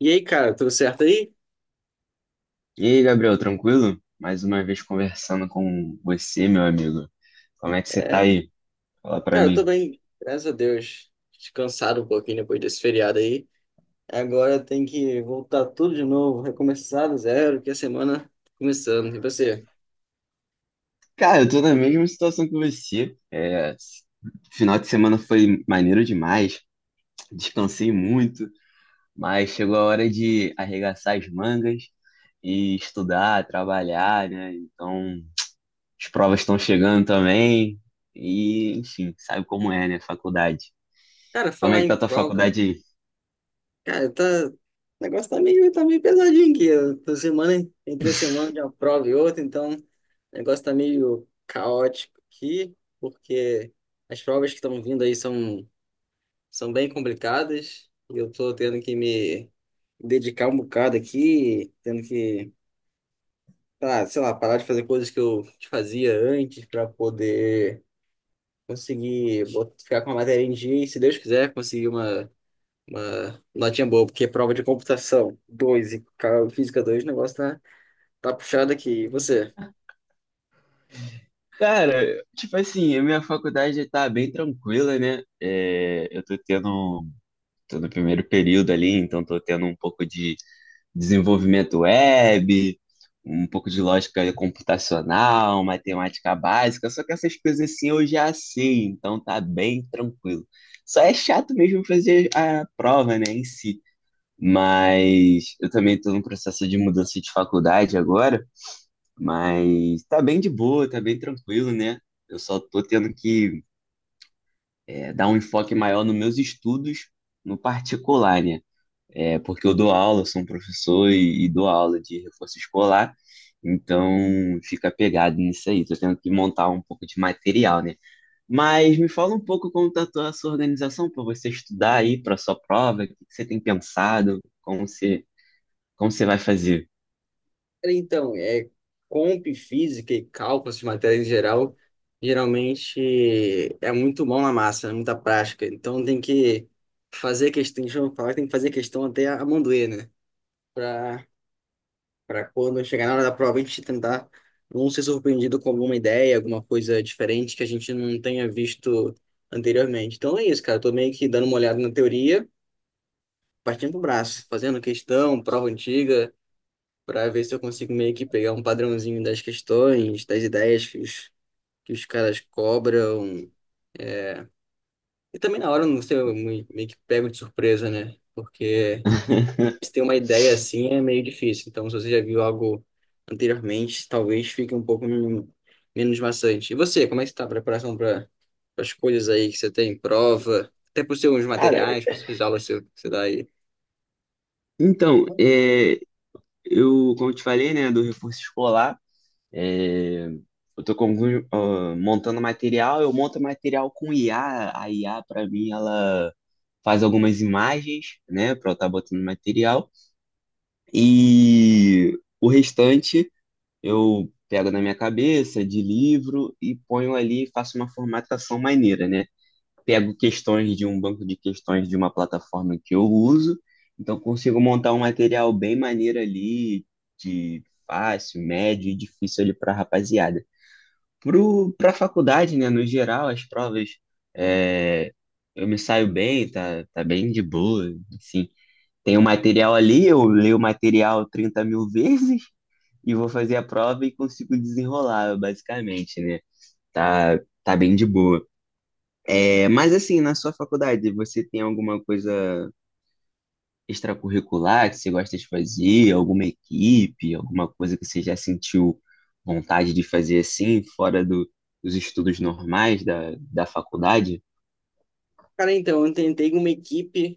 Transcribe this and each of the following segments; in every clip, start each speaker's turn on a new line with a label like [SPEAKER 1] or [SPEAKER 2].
[SPEAKER 1] E aí, cara, tudo certo aí?
[SPEAKER 2] E aí, Gabriel, tranquilo? Mais uma vez conversando com você, meu amigo. Como é que você tá
[SPEAKER 1] É,
[SPEAKER 2] aí? Fala pra
[SPEAKER 1] Cara, eu tô
[SPEAKER 2] mim.
[SPEAKER 1] bem, graças a Deus. Descansado um pouquinho depois desse feriado aí. Agora tem que voltar tudo de novo, recomeçar do zero, que a semana tá começando. E você?
[SPEAKER 2] Cara, eu tô na mesma situação que você. Final de semana foi maneiro demais, descansei muito, mas chegou a hora de arregaçar as mangas e estudar, trabalhar, né? Então, as provas estão chegando também e, enfim, sabe como é, né? Faculdade.
[SPEAKER 1] Cara,
[SPEAKER 2] Como é
[SPEAKER 1] falar
[SPEAKER 2] que tá
[SPEAKER 1] em
[SPEAKER 2] a tua
[SPEAKER 1] prova,
[SPEAKER 2] faculdade aí?
[SPEAKER 1] cara, tá. O negócio tá meio pesadinho aqui. Eu tô semana, entre a semana de uma prova e outra, então o negócio tá meio caótico aqui, porque as provas que estão vindo aí são bem complicadas e eu tô tendo que me dedicar um bocado aqui, tendo que, sei lá, parar de fazer coisas que eu fazia antes para poder conseguir ficar com a matéria em dia e, se Deus quiser, conseguir uma notinha boa, porque prova de computação 2 e física 2 o negócio tá puxado aqui. E você?
[SPEAKER 2] Cara, tipo assim, a minha faculdade tá bem tranquila, né? Tô no primeiro período ali, então tô tendo um pouco de desenvolvimento web, um pouco de lógica computacional, matemática básica, só que essas coisas assim eu já sei, então tá bem tranquilo. Só é chato mesmo fazer a prova, né, em si. Mas eu também tô num processo de mudança de faculdade agora. Mas tá bem de boa, tá bem tranquilo, né? Eu só tô tendo que dar um enfoque maior nos meus estudos no particular, né? É, porque eu dou aula, eu sou um professor e dou aula de reforço escolar, então fica pegado nisso aí. Tô tendo que montar um pouco de material, né? Mas me fala um pouco como tá a sua organização para você estudar aí para sua prova, o que que você tem pensado, como você vai fazer?
[SPEAKER 1] Então, é comp, física e cálculo, essas matérias em geral, geralmente é muito mão na massa, é muita prática. Então tem que fazer questão, deixa eu falar, tem que fazer questão até a mão doer, né? Para para quando chegar na hora da prova, a gente tentar não ser surpreendido com alguma ideia, alguma coisa diferente que a gente não tenha visto anteriormente. Então é isso, cara. Eu tô meio que dando uma olhada na teoria, partindo pro braço, fazendo questão, prova antiga para ver se eu consigo meio que pegar um padrãozinho das questões, das ideias que os caras cobram. E também na hora, eu não sei, eu meio que pego de surpresa, né? Porque se tem uma ideia assim é meio difícil. Então, se você já viu algo anteriormente, talvez fique um pouco menos maçante. E você, como é que está a preparação para as coisas aí que você tem, prova, até para os seus
[SPEAKER 2] Cara,
[SPEAKER 1] materiais, para as aulas que você dá aí?
[SPEAKER 2] então, é, Eu, como eu te falei, né, do reforço escolar, é, eu tô montando material, eu monto material com IA. A IA, para mim, ela faz algumas imagens, né, para eu estar botando material. E o restante eu pego na minha cabeça, de livro, e ponho ali, faço uma formatação maneira, né? Pego questões de um banco de questões de uma plataforma que eu uso, então consigo montar um material bem maneiro ali, de fácil, médio e difícil ali para a rapaziada. Para a faculdade, né, no geral, as provas é, eu me saio bem, tá, tá bem de boa, assim. Tem o material ali, eu leio o material 30.000 vezes e vou fazer a prova e consigo desenrolar, basicamente, né? Tá, tá bem de boa. É, mas assim, na sua faculdade, você tem alguma coisa extracurricular que você gosta de fazer? Alguma equipe? Alguma coisa que você já sentiu vontade de fazer assim, dos estudos normais da faculdade?
[SPEAKER 1] Cara, então, eu tentei uma equipe,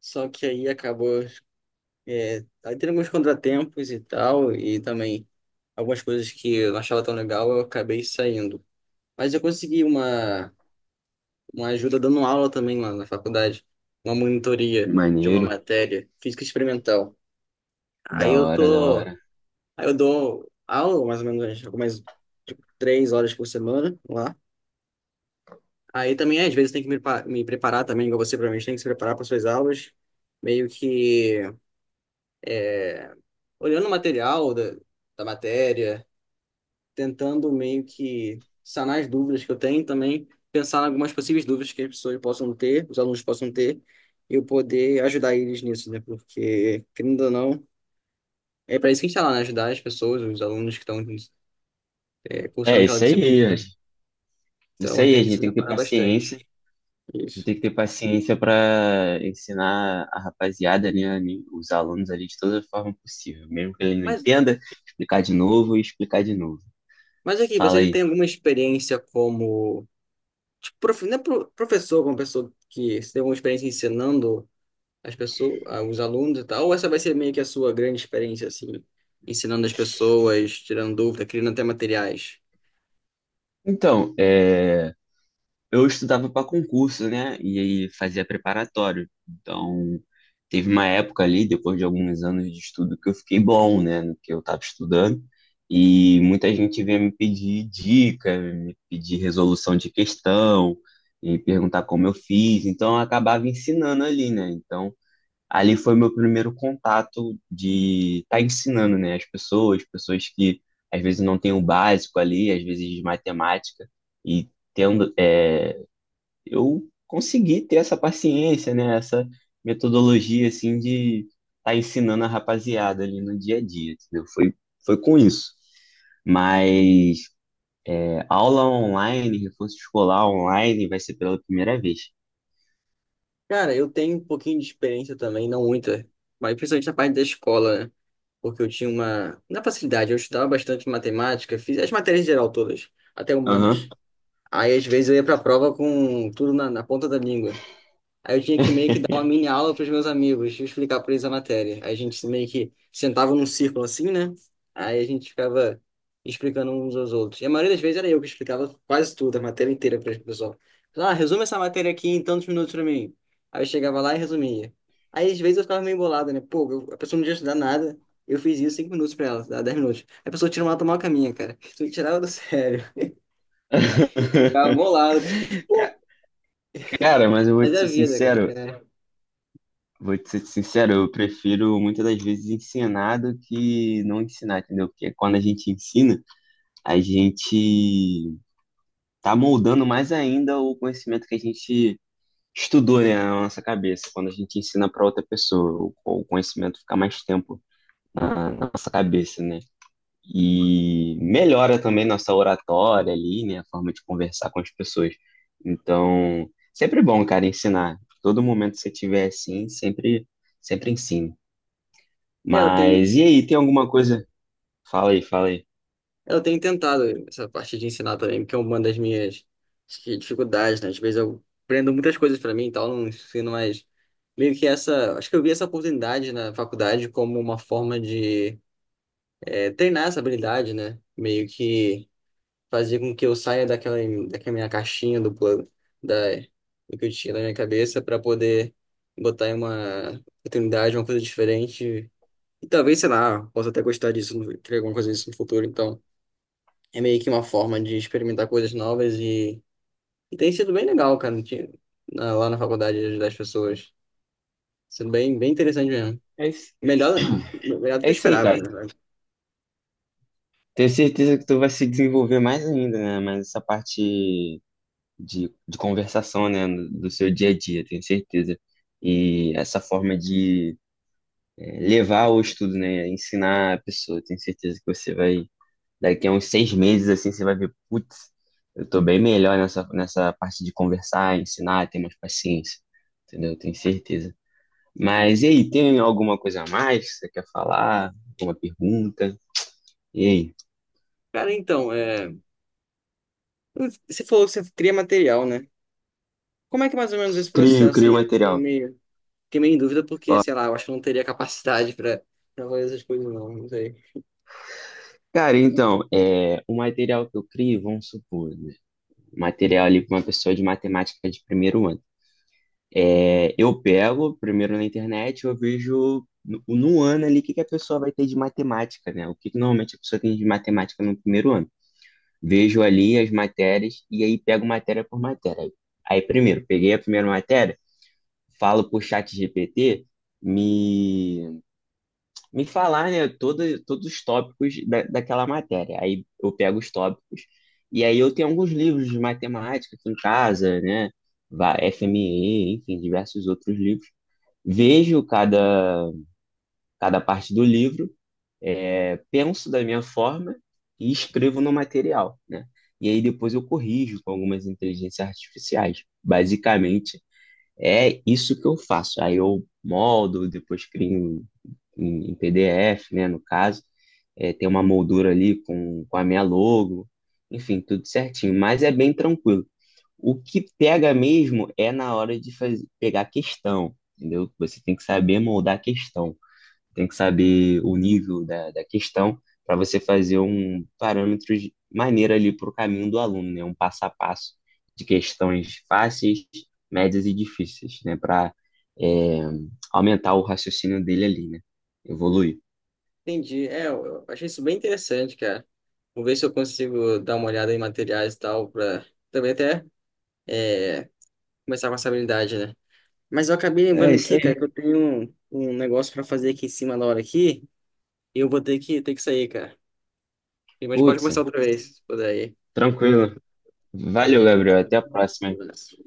[SPEAKER 1] só que aí acabou. Aí tem alguns contratempos e tal, e também algumas coisas que eu não achava tão legal, eu acabei saindo. Mas eu consegui uma ajuda dando aula também lá na faculdade, uma monitoria de uma
[SPEAKER 2] Maneiro,
[SPEAKER 1] matéria, física experimental. Aí
[SPEAKER 2] da
[SPEAKER 1] eu
[SPEAKER 2] hora, da
[SPEAKER 1] tô,
[SPEAKER 2] hora.
[SPEAKER 1] aí eu dou aula mais ou menos algumas tipo, 3 horas por semana lá. Aí também, às vezes, tem que me preparar também, igual você provavelmente tem que se preparar para suas aulas, meio que é, olhando o material da matéria tentando meio que sanar as dúvidas que eu tenho, e também pensar em algumas possíveis dúvidas que as pessoas possam ter, os alunos possam ter, e eu poder ajudar eles nisso, né? Porque, querendo ou não, é para isso que a gente está lá, né? Ajudar as pessoas, os alunos que estão é,
[SPEAKER 2] É,
[SPEAKER 1] cursando aquela
[SPEAKER 2] isso aí, a
[SPEAKER 1] disciplina. Né?
[SPEAKER 2] gente- isso
[SPEAKER 1] Então,
[SPEAKER 2] aí, a
[SPEAKER 1] tem que
[SPEAKER 2] gente
[SPEAKER 1] se
[SPEAKER 2] tem que ter
[SPEAKER 1] preparar
[SPEAKER 2] paciência.
[SPEAKER 1] bastante.
[SPEAKER 2] A gente
[SPEAKER 1] Isso.
[SPEAKER 2] tem que ter paciência para ensinar a rapaziada, né, ali, os alunos ali de toda forma possível, mesmo que ele não
[SPEAKER 1] Mas,
[SPEAKER 2] entenda, explicar de novo e explicar de novo.
[SPEAKER 1] mas aqui, você
[SPEAKER 2] Fala
[SPEAKER 1] já
[SPEAKER 2] aí.
[SPEAKER 1] tem alguma experiência como tipo, não é professor, como pessoa que você tem alguma experiência ensinando as pessoas, ah, os alunos e tal, ou essa vai ser meio que a sua grande experiência, assim, ensinando as pessoas, tirando dúvida, criando até materiais?
[SPEAKER 2] Então, é, eu estudava para concurso, né? E aí fazia preparatório. Então, teve uma época ali, depois de alguns anos de estudo, que eu fiquei bom, né? No que eu estava estudando. E muita gente vinha me pedir dica, me pedir resolução de questão, e perguntar como eu fiz. Então, eu acabava ensinando ali, né? Então, ali foi meu primeiro contato de estar ensinando, né, as pessoas, pessoas que às vezes não têm o básico ali, às vezes de matemática, e tendo, é, eu consegui ter essa paciência, né, essa metodologia, assim, de estar ensinando a rapaziada ali no dia a dia, entendeu? Foi com isso. Mas aula online, reforço escolar online, vai ser pela primeira vez.
[SPEAKER 1] Cara, eu tenho um pouquinho de experiência também, não muita, mas principalmente na parte da escola, né? Porque eu tinha uma. Na facilidade, eu estudava bastante matemática, fiz as matérias em geral todas, até humanas.
[SPEAKER 2] Aham.
[SPEAKER 1] Aí, às vezes, eu ia pra prova com tudo na ponta da língua. Aí eu tinha que meio que dar uma mini aula para os meus amigos, explicar para eles a matéria. Aí a gente meio que sentava num círculo assim, né? Aí a gente ficava explicando uns aos outros. E a maioria das vezes era eu que explicava quase tudo, a matéria inteira para o pessoal. Ah, resume essa matéria aqui em tantos minutos para mim. Aí eu chegava lá e resumia. Aí às vezes eu ficava meio bolado, né? Pô, a pessoa não tinha estudado nada. Eu fiz isso 5 minutos para ela, dá 10 minutos. Aí a pessoa tirou uma tomar caminha, cara. Isso me tirava do sério. Ficava bolado, cara. Pô,
[SPEAKER 2] Cara, mas eu vou
[SPEAKER 1] mas
[SPEAKER 2] te
[SPEAKER 1] é a
[SPEAKER 2] ser
[SPEAKER 1] vida, cara.
[SPEAKER 2] sincero, vou te ser sincero, eu prefiro muitas das vezes ensinar do que não ensinar, entendeu? Porque quando a gente ensina, a gente tá moldando mais ainda o conhecimento que a gente estudou, né, na nossa cabeça. Quando a gente ensina para outra pessoa, o conhecimento fica mais tempo na nossa cabeça, né? E melhora também nossa oratória ali, né? A forma de conversar com as pessoas. Então, sempre bom, cara, ensinar. Todo momento que você tiver assim, sempre, sempre ensino.
[SPEAKER 1] É, eu tenho
[SPEAKER 2] Mas e aí, tem alguma coisa? Fala aí, fala aí.
[SPEAKER 1] Eu tenho tentado essa parte de ensinar também, porque é uma das minhas acho que, dificuldades, né? Às vezes eu aprendo muitas coisas pra mim e tal, não ensino mais. Meio que essa. Acho que eu vi essa oportunidade na faculdade como uma forma de é, treinar essa habilidade, né? Meio que fazer com que eu saia daquela, daquela minha caixinha do plano, da, do que eu tinha na minha cabeça, pra poder botar em uma oportunidade, uma coisa diferente. E talvez, sei lá, possa até gostar disso, criar alguma coisa disso no futuro, então. É meio que uma forma de experimentar coisas novas e tem sido bem legal, cara, de- na- lá na faculdade ajudar as pessoas. Sido bem, bem interessante mesmo.
[SPEAKER 2] É isso,
[SPEAKER 1] Melhor, melhor do que
[SPEAKER 2] é
[SPEAKER 1] eu
[SPEAKER 2] isso aí,
[SPEAKER 1] esperava,
[SPEAKER 2] cara.
[SPEAKER 1] na verdade.
[SPEAKER 2] Tenho certeza que tu vai se desenvolver mais ainda, né? Mas essa parte de conversação, né? Do seu dia a dia, tenho certeza. E essa forma de levar o estudo, né? Ensinar a pessoa, tenho certeza que você vai. Daqui a uns 6 meses, assim, você vai ver, putz, eu tô bem melhor nessa parte de conversar, ensinar, ter mais paciência. Entendeu? Eu tenho certeza. Mas e aí, tem alguma coisa a mais que você quer falar? Alguma pergunta? E aí?
[SPEAKER 1] Cara, então, é, você falou que você cria material, né? Como é que é mais ou menos esse processo
[SPEAKER 2] Crio
[SPEAKER 1] aí? Eu Fiquei
[SPEAKER 2] material.
[SPEAKER 1] meio, fiquei meio em dúvida porque,
[SPEAKER 2] Ó,
[SPEAKER 1] sei lá, eu acho que eu não teria capacidade para fazer essas coisas, não, não sei.
[SPEAKER 2] o material que eu crio, vamos supor, né? Material ali para uma pessoa de matemática de primeiro ano. É, eu pego primeiro na internet, eu vejo no ano ali que a pessoa vai ter de matemática, né? O que normalmente a pessoa tem de matemática no primeiro ano. Vejo ali as matérias e aí pego matéria por matéria. Aí primeiro, peguei a primeira matéria, falo pro chat GPT me, me falar, né, todos os tópicos daquela matéria. Aí eu pego os tópicos e aí eu tenho alguns livros de matemática aqui em casa, né? FME, enfim, diversos outros livros. Vejo cada parte do livro, penso da minha forma e escrevo no material, né? E aí depois eu corrijo com algumas inteligências artificiais. Basicamente, é isso que eu faço. Aí eu moldo, depois crio em PDF, né, no caso. É, tem uma moldura ali com a minha logo, enfim, tudo certinho. Mas é bem tranquilo. O que pega mesmo é na hora de fazer, pegar a questão, entendeu? Você tem que saber moldar a questão, tem que saber o nível da questão para você fazer um parâmetro de maneira ali para o caminho do aluno, né? Um passo a passo de questões fáceis, médias e difíceis, né? Para aumentar o raciocínio dele ali, né? Evoluir.
[SPEAKER 1] Entendi. É, eu achei isso bem interessante, cara. Vou ver se eu consigo dar uma olhada em materiais e tal, pra também até é, começar com essa habilidade, né? Mas eu acabei
[SPEAKER 2] É
[SPEAKER 1] lembrando
[SPEAKER 2] isso
[SPEAKER 1] aqui,
[SPEAKER 2] aí.
[SPEAKER 1] cara, que eu tenho um negócio pra fazer aqui em cima na hora aqui. E eu vou ter que, sair, cara. Mas pode
[SPEAKER 2] Putz,
[SPEAKER 1] começar outra vez, se puder aí.
[SPEAKER 2] tranquilo. Valeu,
[SPEAKER 1] Valeu.
[SPEAKER 2] Gabriel. Até a próxima.
[SPEAKER 1] Um abraço.